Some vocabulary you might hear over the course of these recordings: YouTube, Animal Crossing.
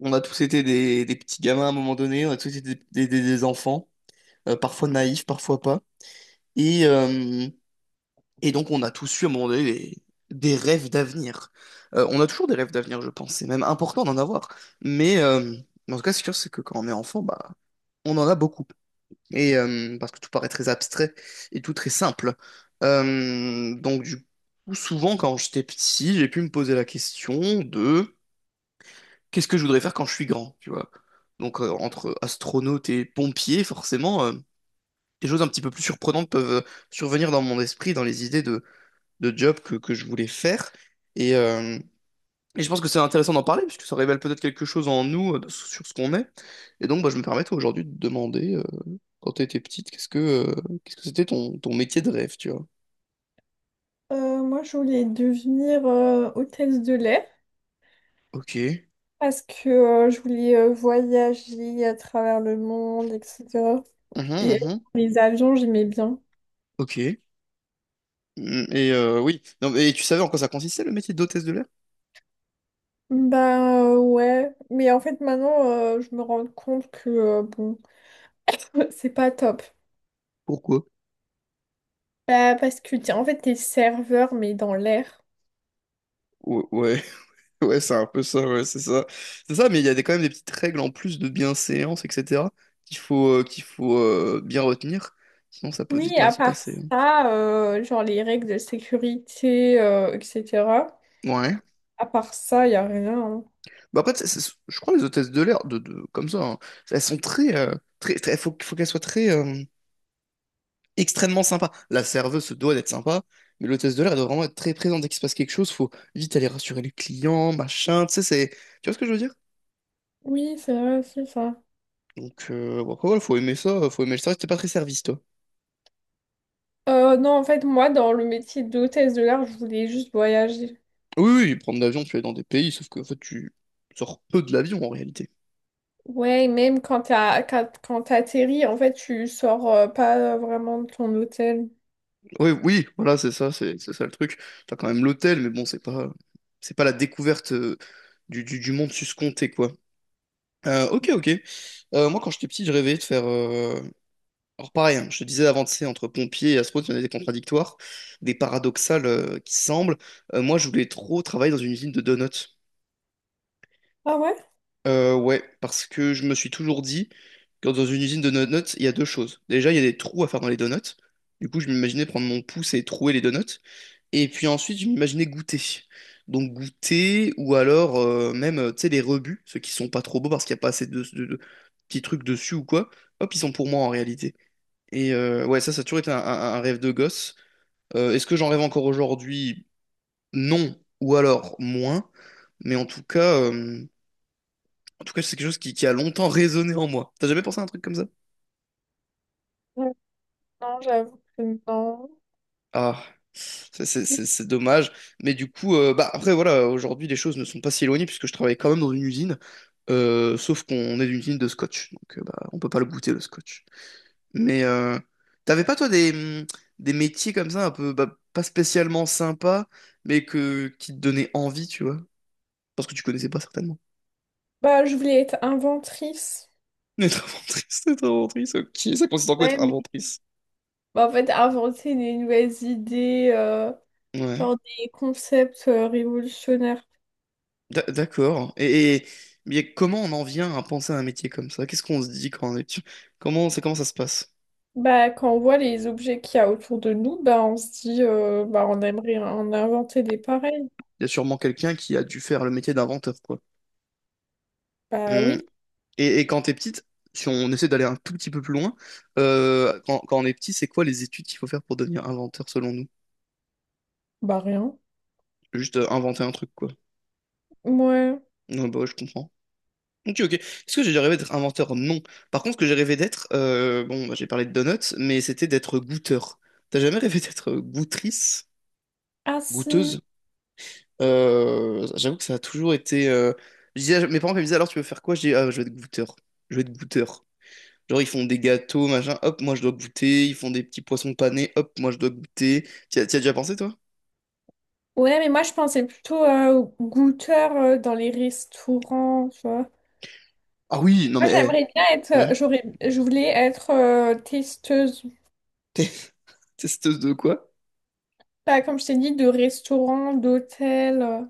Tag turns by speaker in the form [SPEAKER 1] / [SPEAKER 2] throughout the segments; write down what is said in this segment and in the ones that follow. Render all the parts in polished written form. [SPEAKER 1] On a tous été des petits gamins à un moment donné, on a tous été des enfants, parfois naïfs, parfois pas. Et, euh, et donc on a tous eu à un moment donné des rêves d'avenir. On a toujours des rêves d'avenir, je pense. C'est même important d'en avoir. Mais euh, mais en tout cas, ce qui est sûr, c'est que quand on est enfant, bah, on en a beaucoup. Et parce que tout paraît très abstrait et tout très simple. Donc du coup, souvent quand j'étais petit, j'ai pu me poser la question de qu'est-ce que je voudrais faire quand je suis grand, tu vois? Donc entre astronaute et pompier, forcément, des choses un petit peu plus surprenantes peuvent survenir dans mon esprit, dans les idées de job que je voulais faire. Et, euh, et je pense que c'est intéressant d'en parler, puisque ça révèle peut-être quelque chose en nous, sur ce qu'on est. Et donc bah, je me permets toi, aujourd'hui de te demander, quand tu étais petite, qu'est-ce que c'était ton métier de rêve, tu vois?
[SPEAKER 2] Moi, je voulais devenir hôtesse de l'air
[SPEAKER 1] Ok.
[SPEAKER 2] parce que je voulais voyager à travers le monde, etc.
[SPEAKER 1] Mhm,
[SPEAKER 2] Et
[SPEAKER 1] mhm.
[SPEAKER 2] les avions, j'aimais bien.
[SPEAKER 1] Ok. Mm. Et oui. Non, mais tu savais en quoi ça consistait le métier d'hôtesse de l'air?
[SPEAKER 2] Bah ouais, mais en fait maintenant, je me rends compte que bon, c'est pas top.
[SPEAKER 1] Pourquoi?
[SPEAKER 2] Bah, parce que en fait, t'es serveur, mais dans l'air.
[SPEAKER 1] Ouais. Ouais, c'est un peu ça, ouais, c'est ça. C'est ça, mais il y a quand même des petites règles en plus de bienséance, etc., qu'il faut bien retenir. Sinon, ça peut
[SPEAKER 2] Oui,
[SPEAKER 1] vite mal
[SPEAKER 2] à
[SPEAKER 1] se
[SPEAKER 2] part
[SPEAKER 1] passer, hein.
[SPEAKER 2] ça, genre les règles de sécurité, etc.
[SPEAKER 1] Ouais.
[SPEAKER 2] À part ça, y a rien, hein.
[SPEAKER 1] Bah après, je crois que les hôtesses de l'air, de, comme ça, hein, elles sont très. Faut qu'elles soient extrêmement sympas. La serveuse se doit d'être sympa, mais l'hôtesse de l'air, elle doit vraiment être très présente. Dès qu'il se passe quelque chose, faut vite aller rassurer les clients, machin, tu sais, c'est... Tu vois ce que je veux dire?
[SPEAKER 2] Oui, c'est vrai, c'est ça.
[SPEAKER 1] Donc, bon, après, voilà, faut aimer ça, faut aimer le service. T'es pas très service, toi.
[SPEAKER 2] Non, en fait, moi, dans le métier d'hôtesse de l'air, je voulais juste voyager.
[SPEAKER 1] Oui, oui, prendre l'avion, tu es dans des pays, sauf que en fait, tu sors peu de l'avion en réalité.
[SPEAKER 2] Ouais, et même quand t'atterris, en fait, tu sors pas vraiment de ton hôtel.
[SPEAKER 1] Oui, oui, voilà, c'est ça, c'est ça le truc. T'as quand même l'hôtel, mais bon, c'est pas la découverte du monde suscompté, quoi. Ok, ok. Moi, quand j'étais petit, je rêvais de faire. Alors, pareil, hein, je te disais avant, tu sais, entre pompiers et astronautes, il y en a des contradictoires, des paradoxales qui semblent. Moi, je voulais trop travailler dans une usine de donuts.
[SPEAKER 2] Ah ouais?
[SPEAKER 1] Ouais, parce que je me suis toujours dit que dans une usine de donuts, il y a deux choses. Déjà, il y a des trous à faire dans les donuts. Du coup, je m'imaginais prendre mon pouce et trouer les donuts. Et puis ensuite, je m'imaginais goûter. Donc goûter, ou alors même, tu sais, les rebuts, ceux qui sont pas trop beaux parce qu'il n'y a pas assez de petits trucs dessus ou quoi. Hop, ils sont pour moi en réalité. Et ouais, ça a toujours été un rêve de gosse. Est-ce que j'en rêve encore aujourd'hui? Non, ou alors moins. Mais en tout cas, c'est quelque chose qui a longtemps résonné en moi. T'as jamais pensé à un truc comme ça?
[SPEAKER 2] Mm. Non, j'avoue que non.
[SPEAKER 1] Ah, c'est dommage. Mais du coup, bah après, voilà, aujourd'hui, les choses ne sont pas si éloignées puisque je travaille quand même dans une usine. Sauf qu'on est d'une usine de scotch. Donc, bah, on peut pas le goûter, le scotch. Mais t'avais pas, toi, hum, des métiers comme ça, un peu bah, pas spécialement sympas, mais qui te donnaient envie, tu vois? Parce que tu connaissais pas certainement.
[SPEAKER 2] Bah, je voulais être inventrice.
[SPEAKER 1] Être inventrice, ok. Ça consiste en quoi être
[SPEAKER 2] Ouais, mais...
[SPEAKER 1] inventrice?
[SPEAKER 2] Bah, en fait, inventer des nouvelles idées,
[SPEAKER 1] Ouais.
[SPEAKER 2] genre des concepts révolutionnaires.
[SPEAKER 1] D'accord. Mais comment on en vient à penser à un métier comme ça? Qu'est-ce qu'on se dit quand on est... dessus. Comment ça se passe?
[SPEAKER 2] Bah, quand on voit les objets qu'il y a autour de nous, bah, on se dit, bah, on aimerait en inventer des pareils.
[SPEAKER 1] Il y a sûrement quelqu'un qui a dû faire le métier d'inventeur, quoi.
[SPEAKER 2] Bah
[SPEAKER 1] Hum.
[SPEAKER 2] oui,
[SPEAKER 1] Et quand t'es petite, si on essaie d'aller un tout petit peu plus loin, quand on est petit, c'est quoi les études qu'il faut faire pour devenir inventeur selon nous?
[SPEAKER 2] bah rien.
[SPEAKER 1] Juste inventer un truc, quoi.
[SPEAKER 2] Ouais.
[SPEAKER 1] Non, bah ouais, je comprends. Ok, ok. Est-ce que j'ai déjà rêvé d'être inventeur? Non. Par contre, ce que j'ai rêvé d'être, bon, bah, j'ai parlé de donuts, mais c'était d'être goûteur. T'as jamais rêvé d'être goûtrice?
[SPEAKER 2] Ah
[SPEAKER 1] Goûteuse?
[SPEAKER 2] si.
[SPEAKER 1] J'avoue que ça a toujours été. Je disais, mes parents me disaient alors tu veux faire quoi? Je dis ah, je veux être goûteur. Je veux être goûteur. Genre ils font des gâteaux, machin, hop, moi je dois goûter. Ils font des petits poissons panés, hop, moi je dois goûter. T'y as déjà pensé toi?
[SPEAKER 2] Ouais, mais moi je pensais plutôt aux goûteurs dans les restaurants, tu vois.
[SPEAKER 1] Ah oui, non
[SPEAKER 2] Moi
[SPEAKER 1] mais
[SPEAKER 2] j'aimerais bien être,
[SPEAKER 1] ouais.
[SPEAKER 2] j'aurais, je voulais être testeuse.
[SPEAKER 1] T'es testeuse de quoi?
[SPEAKER 2] Pas comme je t'ai dit, de restaurants, d'hôtels.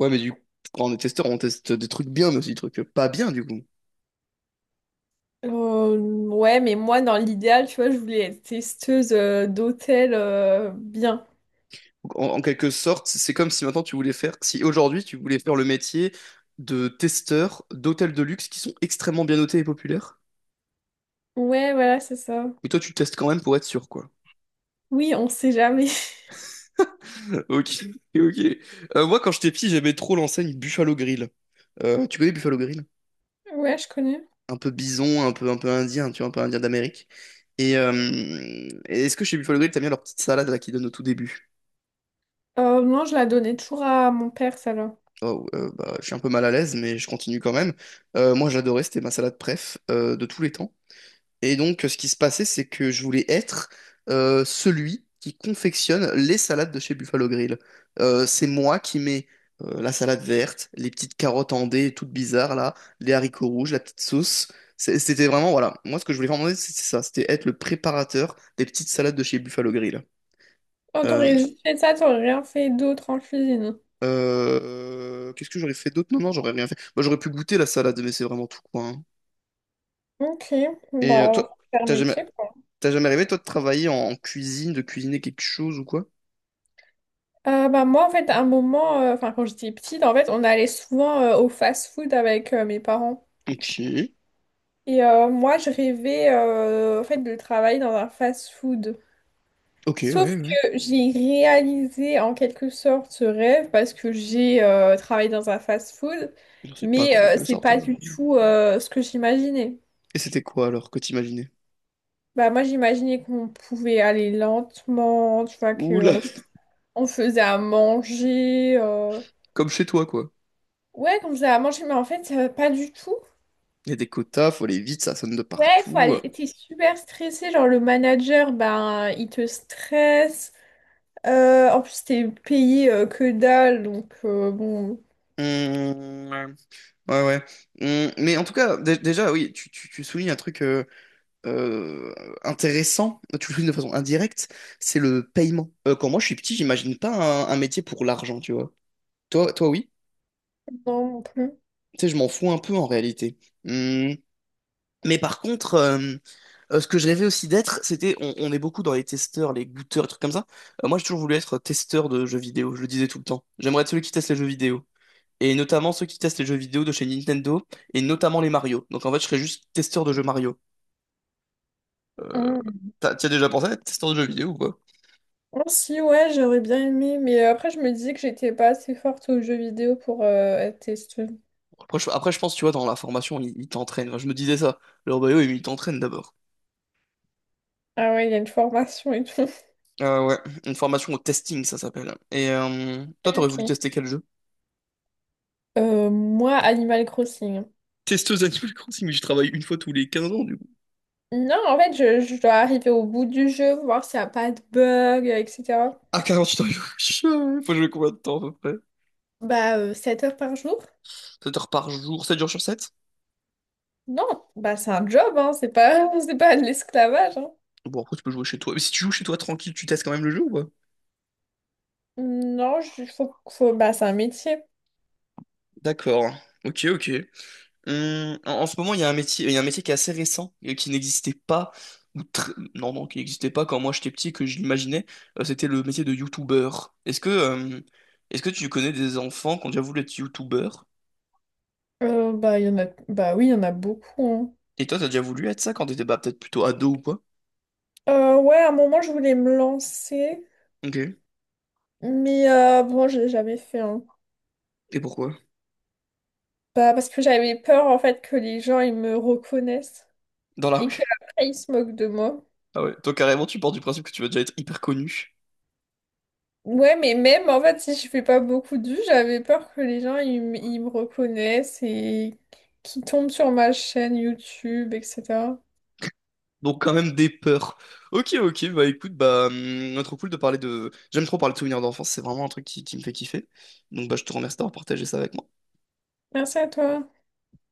[SPEAKER 1] Ouais mais du coup, quand on est testeur, on teste des trucs bien mais aussi des trucs pas bien du coup.
[SPEAKER 2] Euh, ouais, mais moi dans l'idéal, tu vois, je voulais être testeuse d'hôtels bien.
[SPEAKER 1] Donc, en quelque sorte, c'est comme si maintenant tu voulais faire, si aujourd'hui tu voulais faire le métier de testeur d'hôtels de luxe qui sont extrêmement bien notés et populaires,
[SPEAKER 2] Ouais, voilà, c'est ça.
[SPEAKER 1] mais toi tu testes quand même pour être sûr quoi.
[SPEAKER 2] Oui, on sait jamais.
[SPEAKER 1] Ok, ok. Moi, quand j'étais petit, j'aimais trop l'enseigne Buffalo Grill. Tu connais Buffalo Grill?
[SPEAKER 2] Ouais, je connais.
[SPEAKER 1] Un peu bison, un peu indien, tu vois, un peu indien d'Amérique. Et euh, et est-ce que chez Buffalo Grill, t'as bien leur petite salade là qu'ils donnent au tout début?
[SPEAKER 2] Non, je la donnais toujours à mon père, celle-là.
[SPEAKER 1] Oh, bah, je suis un peu mal à l'aise, mais je continue quand même. Moi, j'adorais, c'était ma salade préf de tous les temps. Et donc, ce qui se passait, c'est que je voulais être celui qui confectionne les salades de chez Buffalo Grill. C'est moi qui mets la salade verte, les petites carottes en dés toutes bizarres là, les haricots rouges, la petite sauce. C'était vraiment, voilà. Moi, ce que je voulais vraiment, c'est ça. C'était être le préparateur des petites salades de chez Buffalo Grill.
[SPEAKER 2] Oh,
[SPEAKER 1] Euh,
[SPEAKER 2] t'aurais juste fait ça, t'aurais rien fait d'autre en cuisine.
[SPEAKER 1] Qu'est-ce que j'aurais fait d'autre? Non, non, j'aurais rien fait. Moi, j'aurais pu goûter la salade, mais c'est vraiment tout, quoi, hein.
[SPEAKER 2] Ok,
[SPEAKER 1] Et
[SPEAKER 2] bah,
[SPEAKER 1] toi,
[SPEAKER 2] super
[SPEAKER 1] t'as jamais,
[SPEAKER 2] métier, quoi.
[SPEAKER 1] t'as jamais rêvé, toi, de travailler en cuisine, de cuisiner quelque chose ou quoi?
[SPEAKER 2] Moi, en fait, à un moment, enfin, quand j'étais petite, en fait, on allait souvent au fast-food avec mes parents.
[SPEAKER 1] Ok,
[SPEAKER 2] Et moi, je rêvais, en fait, de travailler dans un fast-food.
[SPEAKER 1] ok, ouais,
[SPEAKER 2] Sauf
[SPEAKER 1] ouais.
[SPEAKER 2] que j'ai réalisé, en quelque sorte, ce rêve parce que j'ai travaillé dans un fast-food,
[SPEAKER 1] Je sais pas
[SPEAKER 2] mais
[SPEAKER 1] combien ils le
[SPEAKER 2] c'est
[SPEAKER 1] sortent
[SPEAKER 2] pas
[SPEAKER 1] alors.
[SPEAKER 2] du tout ce que j'imaginais.
[SPEAKER 1] Et c'était quoi alors que t'imaginais?
[SPEAKER 2] Bah, moi, j'imaginais qu'on pouvait aller lentement, tu vois,
[SPEAKER 1] Oula,
[SPEAKER 2] qu'on on faisait à manger, euh.
[SPEAKER 1] comme chez toi quoi.
[SPEAKER 2] Ouais, comme ça à manger, mais en fait, pas du tout.
[SPEAKER 1] Il y a des quotas, faut aller vite, ça sonne de
[SPEAKER 2] Ouais, faut
[SPEAKER 1] partout.
[SPEAKER 2] aller. T'es super stressé, genre le manager, ben, il te stresse. En plus, t'es payé que dalle, donc bon,
[SPEAKER 1] Hum, ouais, ouais. Mais en tout cas, déjà, oui, tu soulignes un truc euh, intéressant, tu le soulignes de façon indirecte, c'est le paiement. Quand moi je suis petit, j'imagine pas un métier pour l'argent, tu vois. Toi, toi, oui.
[SPEAKER 2] non non plus.
[SPEAKER 1] Tu sais, je m'en fous un peu en réalité. Mmh. Mais par contre, ce que je rêvais aussi d'être, c'était, on est beaucoup dans les testeurs, les goûteurs, les trucs comme ça. Moi, j'ai toujours voulu être testeur de jeux vidéo, je le disais tout le temps. J'aimerais être celui qui teste les jeux vidéo. Et notamment ceux qui testent les jeux vidéo de chez Nintendo, et notamment les Mario. Donc en fait, je serais juste testeur de jeux Mario. Euh,
[SPEAKER 2] Mm.
[SPEAKER 1] t'y as déjà pensé à être testeur de jeux vidéo ou quoi?
[SPEAKER 2] Oh, si, ouais, j'aurais bien aimé, mais après, je me disais que j'étais pas assez forte aux jeux vidéo pour être testeuse.
[SPEAKER 1] Après, je pense, tu vois, dans la formation, ils t'entraînent. Enfin, je me disais ça. Leur bio, ils t'entraînent d'abord.
[SPEAKER 2] Ah ouais, il y a une formation et tout.
[SPEAKER 1] Ouais, une formation au testing, ça s'appelle. Et toi, t'aurais voulu
[SPEAKER 2] Ok.
[SPEAKER 1] tester quel jeu?
[SPEAKER 2] Moi, Animal Crossing.
[SPEAKER 1] Testeuse Animal Crossing, mais je travaille une fois tous les 15 ans.
[SPEAKER 2] Non, en fait, je dois arriver au bout du jeu, voir s'il n'y a pas de bug, etc.
[SPEAKER 1] Ah, 48 heures, il faut jouer combien de temps à peu près?
[SPEAKER 2] Bah, 7 heures par jour?
[SPEAKER 1] 7 heures par jour, 7 jours sur 7?
[SPEAKER 2] Non, bah c'est un job, hein, c'est pas, c'est pas de l'esclavage, hein.
[SPEAKER 1] Bon, après, tu peux jouer chez toi. Mais si tu joues chez toi tranquille, tu testes quand même le jeu ou pas?
[SPEAKER 2] Non, je- bah c'est un métier.
[SPEAKER 1] D'accord. Ok, ok. En ce moment, il y a un métier, il y a un métier qui est assez récent et qui n'existait pas, non, non, qui n'existait pas quand moi j'étais petit, et que je l'imaginais. C'était le métier de youtubeur. Est-ce que tu connais des enfants qui ont déjà voulu être youtubeur?
[SPEAKER 2] Il y en a, bah oui, il y en a beaucoup,
[SPEAKER 1] Et toi, t'as déjà voulu être ça quand t'étais bah, peut-être plutôt ado ou quoi?
[SPEAKER 2] hein. Ouais, à un moment, je voulais me lancer,
[SPEAKER 1] Ok.
[SPEAKER 2] mais bon, j'ai jamais fait, hein.
[SPEAKER 1] Et pourquoi?
[SPEAKER 2] Bah, parce que j'avais peur, en fait, que les gens, ils me reconnaissent
[SPEAKER 1] Dans la
[SPEAKER 2] et
[SPEAKER 1] rue?
[SPEAKER 2] qu'après, ils se moquent de moi.
[SPEAKER 1] Ah ouais. Toi, carrément, tu pars du principe que tu vas déjà être hyper connu.
[SPEAKER 2] Ouais, mais même en fait, si je fais pas beaucoup de vues, j'avais peur que les gens ils me reconnaissent et qu'ils tombent sur ma chaîne YouTube, etc.
[SPEAKER 1] Donc, quand même des peurs. Ok, ok, bah écoute, bah, trop cool de parler de. J'aime trop parler de souvenirs d'enfance, c'est vraiment un truc qui me fait kiffer. Donc, bah, je te remercie d'avoir partagé ça avec moi.
[SPEAKER 2] Merci à toi.